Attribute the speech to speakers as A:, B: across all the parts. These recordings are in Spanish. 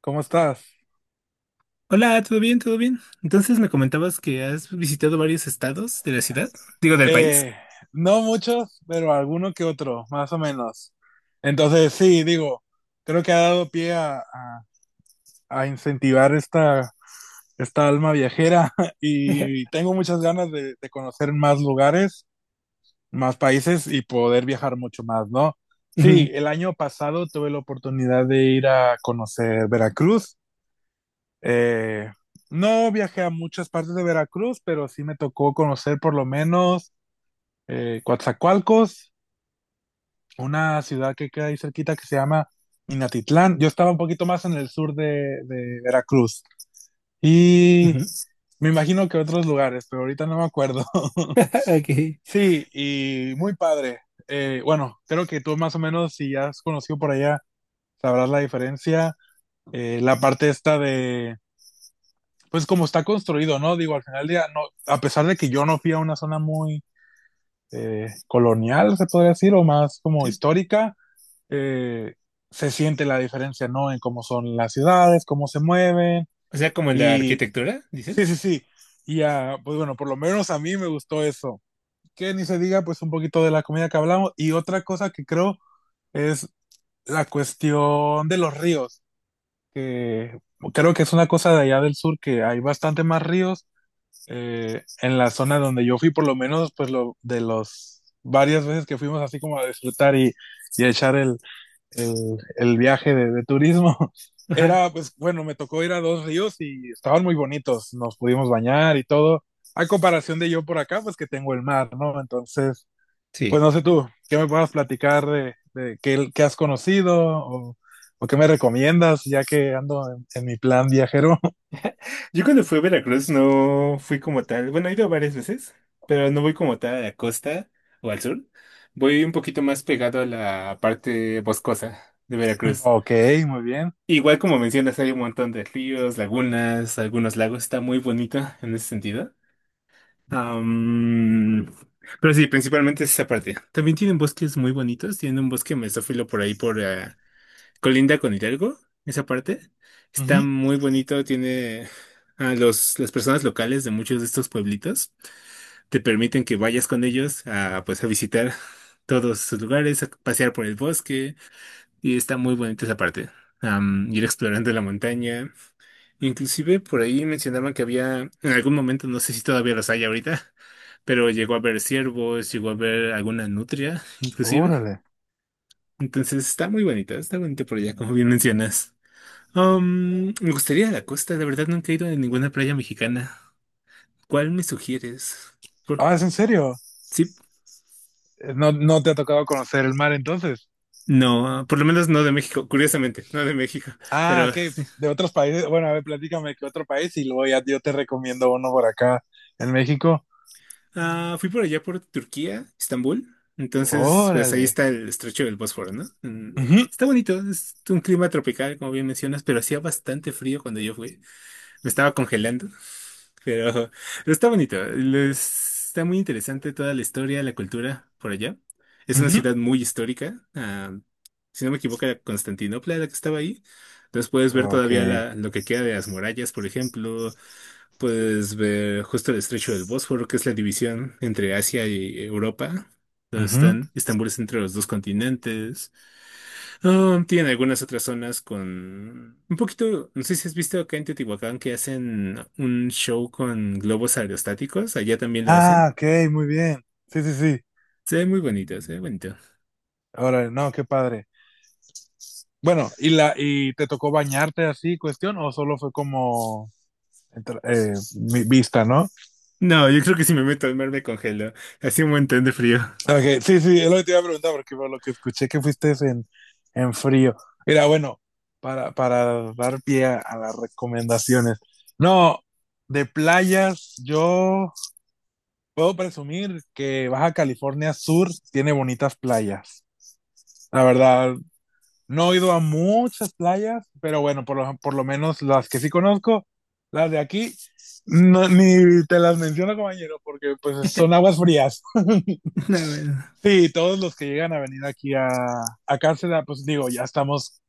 A: ¿Cómo estás?
B: Hola, ¿todo bien? ¿Todo bien? Entonces me comentabas que has visitado varios estados de la ciudad, digo del país.
A: Eh, no muchos, pero alguno que otro, más o menos. Entonces, sí, digo, creo que ha dado pie a incentivar esta alma viajera
B: Ajá.
A: y tengo muchas ganas de conocer más lugares, más países y poder viajar mucho más, ¿no? Sí,
B: Ujú,
A: el año pasado tuve la oportunidad de ir a conocer Veracruz. Eh, no viajé a muchas partes de Veracruz, pero sí me tocó conocer por lo menos Coatzacoalcos, una ciudad que queda ahí cerquita que se llama Minatitlán. Yo estaba un poquito más en el sur de Veracruz y
B: ujú.
A: me imagino que otros lugares, pero ahorita no me acuerdo.
B: Ok.
A: Sí, y muy padre. Bueno, creo que tú más o menos, si ya has conocido por allá, sabrás la diferencia. La parte esta pues como está construido, ¿no? Digo, al final del día, no, a pesar de que yo no fui a una zona muy colonial, se podría decir, o más como
B: Sí.
A: histórica, eh, se siente la diferencia, ¿no? En cómo son las ciudades, cómo se mueven.
B: O sea, como en la
A: Y
B: arquitectura,
A: sí, sí,
B: dices.
A: sí. Y ah, pues bueno, por lo menos a mí me gustó eso. Que ni se diga, pues un poquito de la comida que hablamos. Y otra cosa que creo es la cuestión de los ríos, que creo que es una cosa de allá del sur, que hay bastante más ríos. En la zona donde yo fui, por lo menos, pues lo de los varias veces que fuimos así como a disfrutar y a echar el, el viaje de turismo.
B: Ajá,
A: Era, pues bueno, me tocó ir a dos ríos y estaban muy bonitos, nos pudimos bañar y todo. A comparación de yo por acá, pues que tengo el mar, ¿no? Entonces, pues
B: sí.
A: no sé tú, ¿qué me puedas platicar de qué has conocido o qué me recomiendas ya que ando en mi plan viajero?
B: Yo cuando fui a Veracruz no fui como tal. Bueno, he ido varias veces, pero no voy como tal a la costa o al sur. Voy un poquito más pegado a la parte boscosa de Veracruz.
A: Ok, muy bien.
B: Igual como mencionas, hay un montón de ríos, lagunas, algunos lagos. Está muy bonito en ese sentido. Am, pero sí, principalmente es esa parte. También tienen bosques muy bonitos. Tienen un bosque mesófilo por ahí, por colinda con Hidalgo, esa parte.
A: Ujú.
B: Está muy bonito. Tiene a los, las personas locales de muchos de estos pueblitos. Te permiten que vayas con ellos a, pues, a visitar todos sus lugares, a pasear por el bosque. Y está muy bonita esa parte. Ir explorando la montaña. Inclusive por ahí mencionaban que había, en algún momento, no sé si todavía los hay ahorita, pero llegó a ver ciervos, llegó a ver alguna nutria, inclusive.
A: Órale.
B: Entonces está muy bonita, está bonita por allá, como bien mencionas. Me gustaría ir a la costa, la verdad nunca he ido a ninguna playa mexicana. ¿Cuál me sugieres? Por-
A: Ah, ¿es en serio?
B: sí,
A: ¿No, no te ha tocado conocer el mar entonces?
B: no, por lo menos no de México, curiosamente, no de México,
A: Ah,
B: pero...
A: ok, de otros países. Bueno, a ver, platícame qué otro país y luego ya yo te recomiendo uno por acá en México.
B: Ah, fui por allá por Turquía, Estambul. Entonces, pues ahí
A: Órale.
B: está el estrecho del Bósforo, ¿no? Mm.
A: Ujú,
B: Está bonito, es un clima tropical, como bien mencionas, pero hacía bastante frío cuando yo fui. Me estaba congelando, pero, pero está bonito. Les- Está muy interesante toda la historia, la cultura por allá. Es una
A: ujú.
B: ciudad muy histórica. Si no me equivoco, era Constantinopla la que estaba ahí. Entonces puedes ver
A: Ok.
B: todavía la- lo que queda de las murallas, por ejemplo. Puedes ver justo el estrecho del Bósforo, que es la división entre Asia y Europa. Donde
A: Ujú.
B: están, Estambul es entre los dos continentes. Ah, tienen algunas otras zonas con un poquito, no sé si has visto acá en Teotihuacán que hacen un show con globos aerostáticos. Allá también lo
A: Ah,
B: hacen.
A: ok, muy bien. Sí, sí, sí.
B: Se ve muy bonito, se ve bonito.
A: Órale, no, qué padre. Bueno, ¿Y te tocó bañarte así, cuestión, o solo fue como entra- eh, vista, ¿no?
B: No, yo creo que si me meto al mar me congelo. Hace un montón de frío.
A: Ok, sí, sí, es lo que te iba a preguntar, porque por lo que escuché que fuiste en frío. Mira, bueno, para dar pie a las recomendaciones. No, de playas, yo puedo presumir que Baja California Sur tiene bonitas playas. La verdad, no he ido a muchas playas, pero bueno, por lo menos las que sí conozco, las de aquí, no, ni te las menciono, compañero, porque pues son aguas frías.
B: No, bueno.
A: Sí, todos los que llegan a venir aquí a Cárcel, pues digo, ya estamos,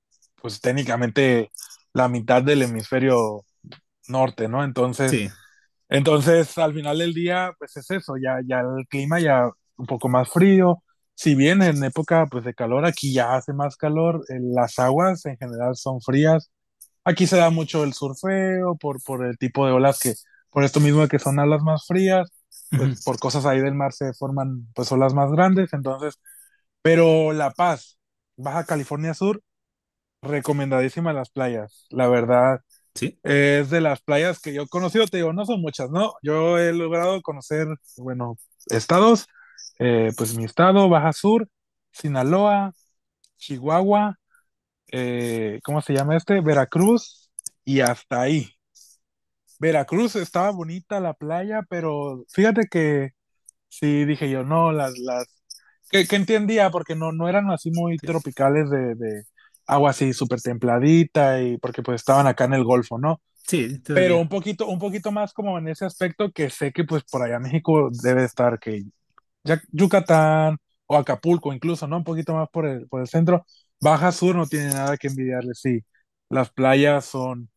A: pues técnicamente la mitad del hemisferio norte, ¿no? Entonces,
B: Sí.
A: entonces al final del día, pues es eso, ya, ya el clima ya un poco más frío. Si bien en época pues de calor, aquí ya hace más calor, las aguas en general son frías. Aquí se da mucho el surfeo por el tipo de olas que, por esto mismo de que son olas más frías,
B: Ujú.
A: pues por cosas ahí del mar se forman pues olas más grandes, entonces pero La Paz, Baja California Sur, recomendadísima las playas, la verdad.
B: Sí,
A: Es de las playas que yo he conocido, te digo, no son muchas, ¿no? Yo he logrado conocer, bueno, estados, pues mi estado, Baja Sur, Sinaloa, Chihuahua, ¿cómo se llama este? Veracruz y hasta ahí. Veracruz estaba bonita la playa, pero fíjate que sí dije yo, no, las que entendía porque no, no eran así muy
B: sí.
A: tropicales de agua así súper templadita y porque pues estaban acá en el Golfo, ¿no?
B: Sí,
A: Pero
B: todavía.
A: un poquito más como en ese aspecto que sé que pues por allá México debe estar que Yucatán o Acapulco incluso, ¿no? Un poquito más por el centro. Baja Sur no tiene nada que envidiarle, sí. Las playas son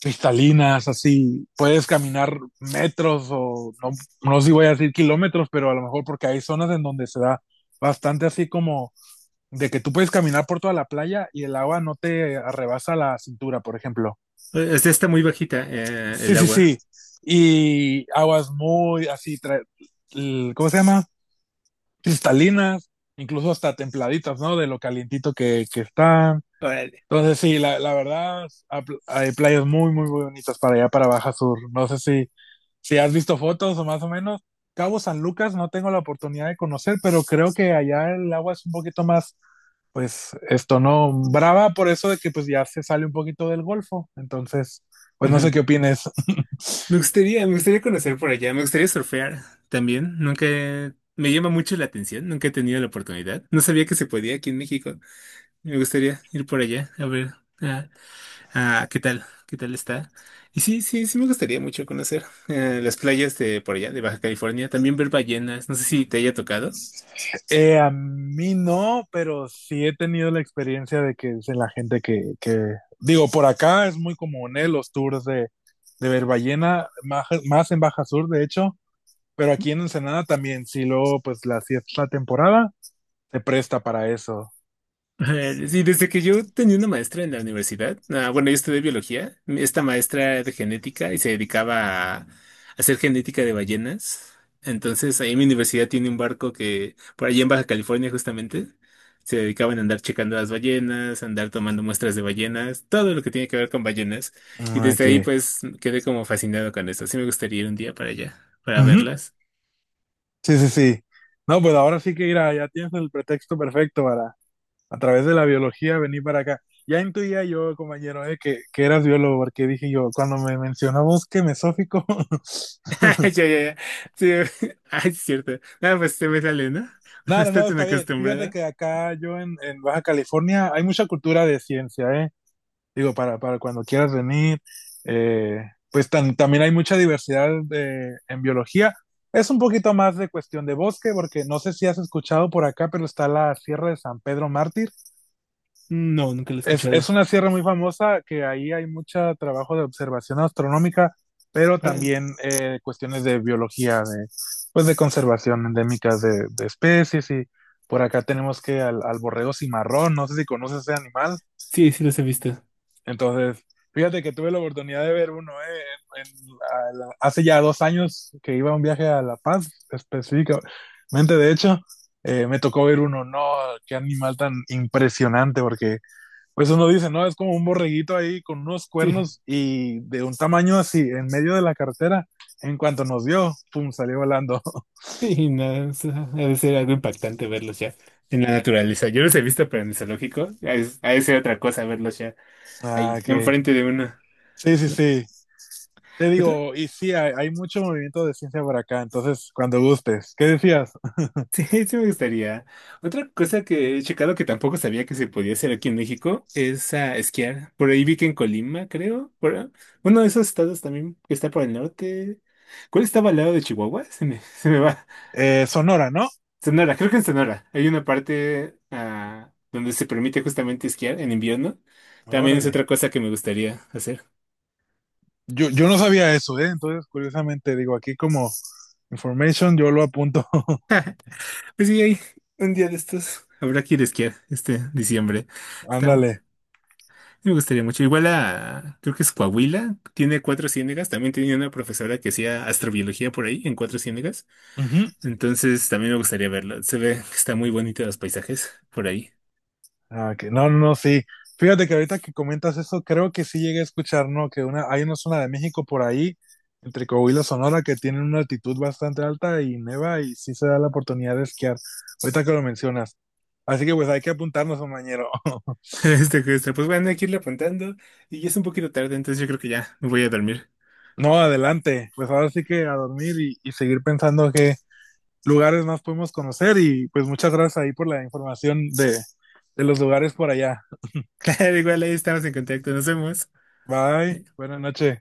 A: cristalinas, así, puedes caminar metros o no, no sé si voy a decir kilómetros, pero a lo mejor porque hay zonas en donde se da bastante así como de que tú puedes caminar por toda la playa y el agua no te arrebasa la cintura, por ejemplo.
B: O sea, está muy bajita, el
A: Sí, sí,
B: agua.
A: sí. Y aguas muy así, ¿cómo se llama? Cristalinas, incluso hasta templaditas, ¿no? De lo calientito que están. Entonces, sí, la verdad, hay playas muy, muy, muy bonitas para allá, para Baja Sur. No sé si si has visto fotos o más o menos, Cabo San Lucas no tengo la oportunidad de conocer, pero creo que allá el agua es un poquito más, pues esto no, brava por eso de que pues ya se sale un poquito del golfo. Entonces, pues no
B: Ujú.
A: sé qué opines.
B: Me gustaría conocer por allá, me gustaría surfear también. Nunca he- me llama mucho la atención, nunca he tenido la oportunidad. No sabía que se podía aquí en México. Me gustaría ir por allá a ver ah, qué tal está. Y sí, sí, sí me gustaría mucho conocer las playas de por allá, de Baja California. También ver ballenas, no sé si te haya tocado.
A: A mí no, pero sí he tenido la experiencia de que es de la gente que, digo, por acá es muy común ¿eh? Los tours de ver ballena, más, más en Baja Sur, de hecho, pero aquí en Ensenada también, sí luego pues la si es la temporada, se presta para eso.
B: Ajá. Sí, desde que yo tenía una maestra en la universidad, ah, bueno, yo estudié biología, esta maestra era de genética y se dedicaba a hacer genética de ballenas. Entonces, ahí en mi universidad tiene un barco que, por allí en Baja California justamente, se dedicaban a andar checando las ballenas, a andar tomando muestras de ballenas, todo lo que tiene que ver con ballenas. Y
A: Ah,
B: desde ahí,
A: que.
B: pues, quedé como fascinado con esto. Sí me gustaría ir un día para allá, para
A: Ujú.
B: verlas.
A: Sí, sí, sí. No, pues ahora sí que mira, ya tienes el pretexto perfecto para, a través de la biología, venir para acá. Ya intuía yo, compañero, que eras biólogo, porque dije yo, cuando me mencionó bosque mesófico.
B: Ya, ya, ya. Sí. Ay, es cierto. Nada, pues se me sale, ¿no? No
A: No, no,
B: estoy
A: no,
B: tan
A: está bien. Fíjate
B: acostumbrada.
A: que acá yo en Baja California hay mucha cultura de ciencia, ¿eh? Digo, para cuando quieras venir. Eh, pues también hay mucha diversidad en biología. Es un poquito más de cuestión de bosque, porque no sé si has escuchado por acá, pero está la Sierra de San Pedro Mártir.
B: No, nunca lo he
A: Es
B: escuchado.
A: una sierra muy famosa que ahí hay mucho trabajo de observación astronómica, pero
B: Órale.
A: también cuestiones de biología, pues de conservación endémicas de especies. Y por acá tenemos que al borrego cimarrón, no sé si conoces ese animal.
B: Sí, sí los he visto.
A: Entonces, fíjate que tuve la oportunidad de ver uno en hace ya 2 años que iba a un viaje a La Paz, específicamente. De hecho, me tocó ver uno. No, qué animal tan impresionante, porque pues uno dice, no, es como un borreguito ahí con unos
B: Sí,
A: cuernos y de un tamaño así, en medio de la carretera. En cuanto nos vio, pum, salió volando.
B: sí, no, o sea, ha de ser algo impactante verlos ya en la naturaleza. Yo los he visto, pero en el zoológico. Ha de... ha de ser otra cosa verlos ya
A: Ah,
B: ahí,
A: que
B: enfrente de uno.
A: sí, sí,
B: ¿No?
A: sí. Te
B: Otra,
A: digo, y sí, hay, mucho movimiento de ciencia por acá, entonces cuando gustes. ¿Qué decías?
B: sí, sí me gustaría. Otra cosa que he checado que tampoco sabía que se podía hacer aquí en México es a esquiar. Por ahí vi que en Colima, creo. Por, uno de esos estados también que está por el norte. ¿Cuál estaba al lado de Chihuahua? Se me, se me va.
A: Sonora, ¿no?
B: Sonora, creo que en Sonora. Hay una parte donde se permite justamente esquiar en invierno. También es
A: Órale.
B: otra cosa que me gustaría hacer.
A: Yo no sabía eso, ¿eh? Entonces, curiosamente, digo, aquí como information, yo lo apunto.
B: Pues sí, hay un día de estos. Habrá que ir a esquiar este diciembre. Está,
A: Ándale.
B: me gustaría mucho. Igual a, creo que es Coahuila, tiene cuatro ciénegas. También tenía una profesora que hacía astrobiología por ahí, en cuatro ciénegas.
A: Ujú.
B: Entonces también me gustaría verlo. Se ve que está muy bonito los paisajes por ahí.
A: Ah, que. No, no, no, sí. Fíjate que ahorita que comentas eso, creo que sí llegué a escuchar, ¿no? Que hay una zona de México por ahí, entre Coahuila y Sonora, que tienen una altitud bastante alta y neva y sí se da la oportunidad de esquiar. Ahorita que lo mencionas. Así que pues hay que apuntarnos, compañero.
B: Este, pues bueno, hay que irle apuntando. Y ya es un poquito tarde, entonces yo creo que ya me voy a dormir.
A: No, adelante. Pues ahora sí que a dormir y seguir pensando que lugares más podemos conocer y pues muchas gracias ahí por la información de los lugares por allá.
B: Claro, igual ahí estamos en contacto, nos vemos.
A: Bye, buenas noches.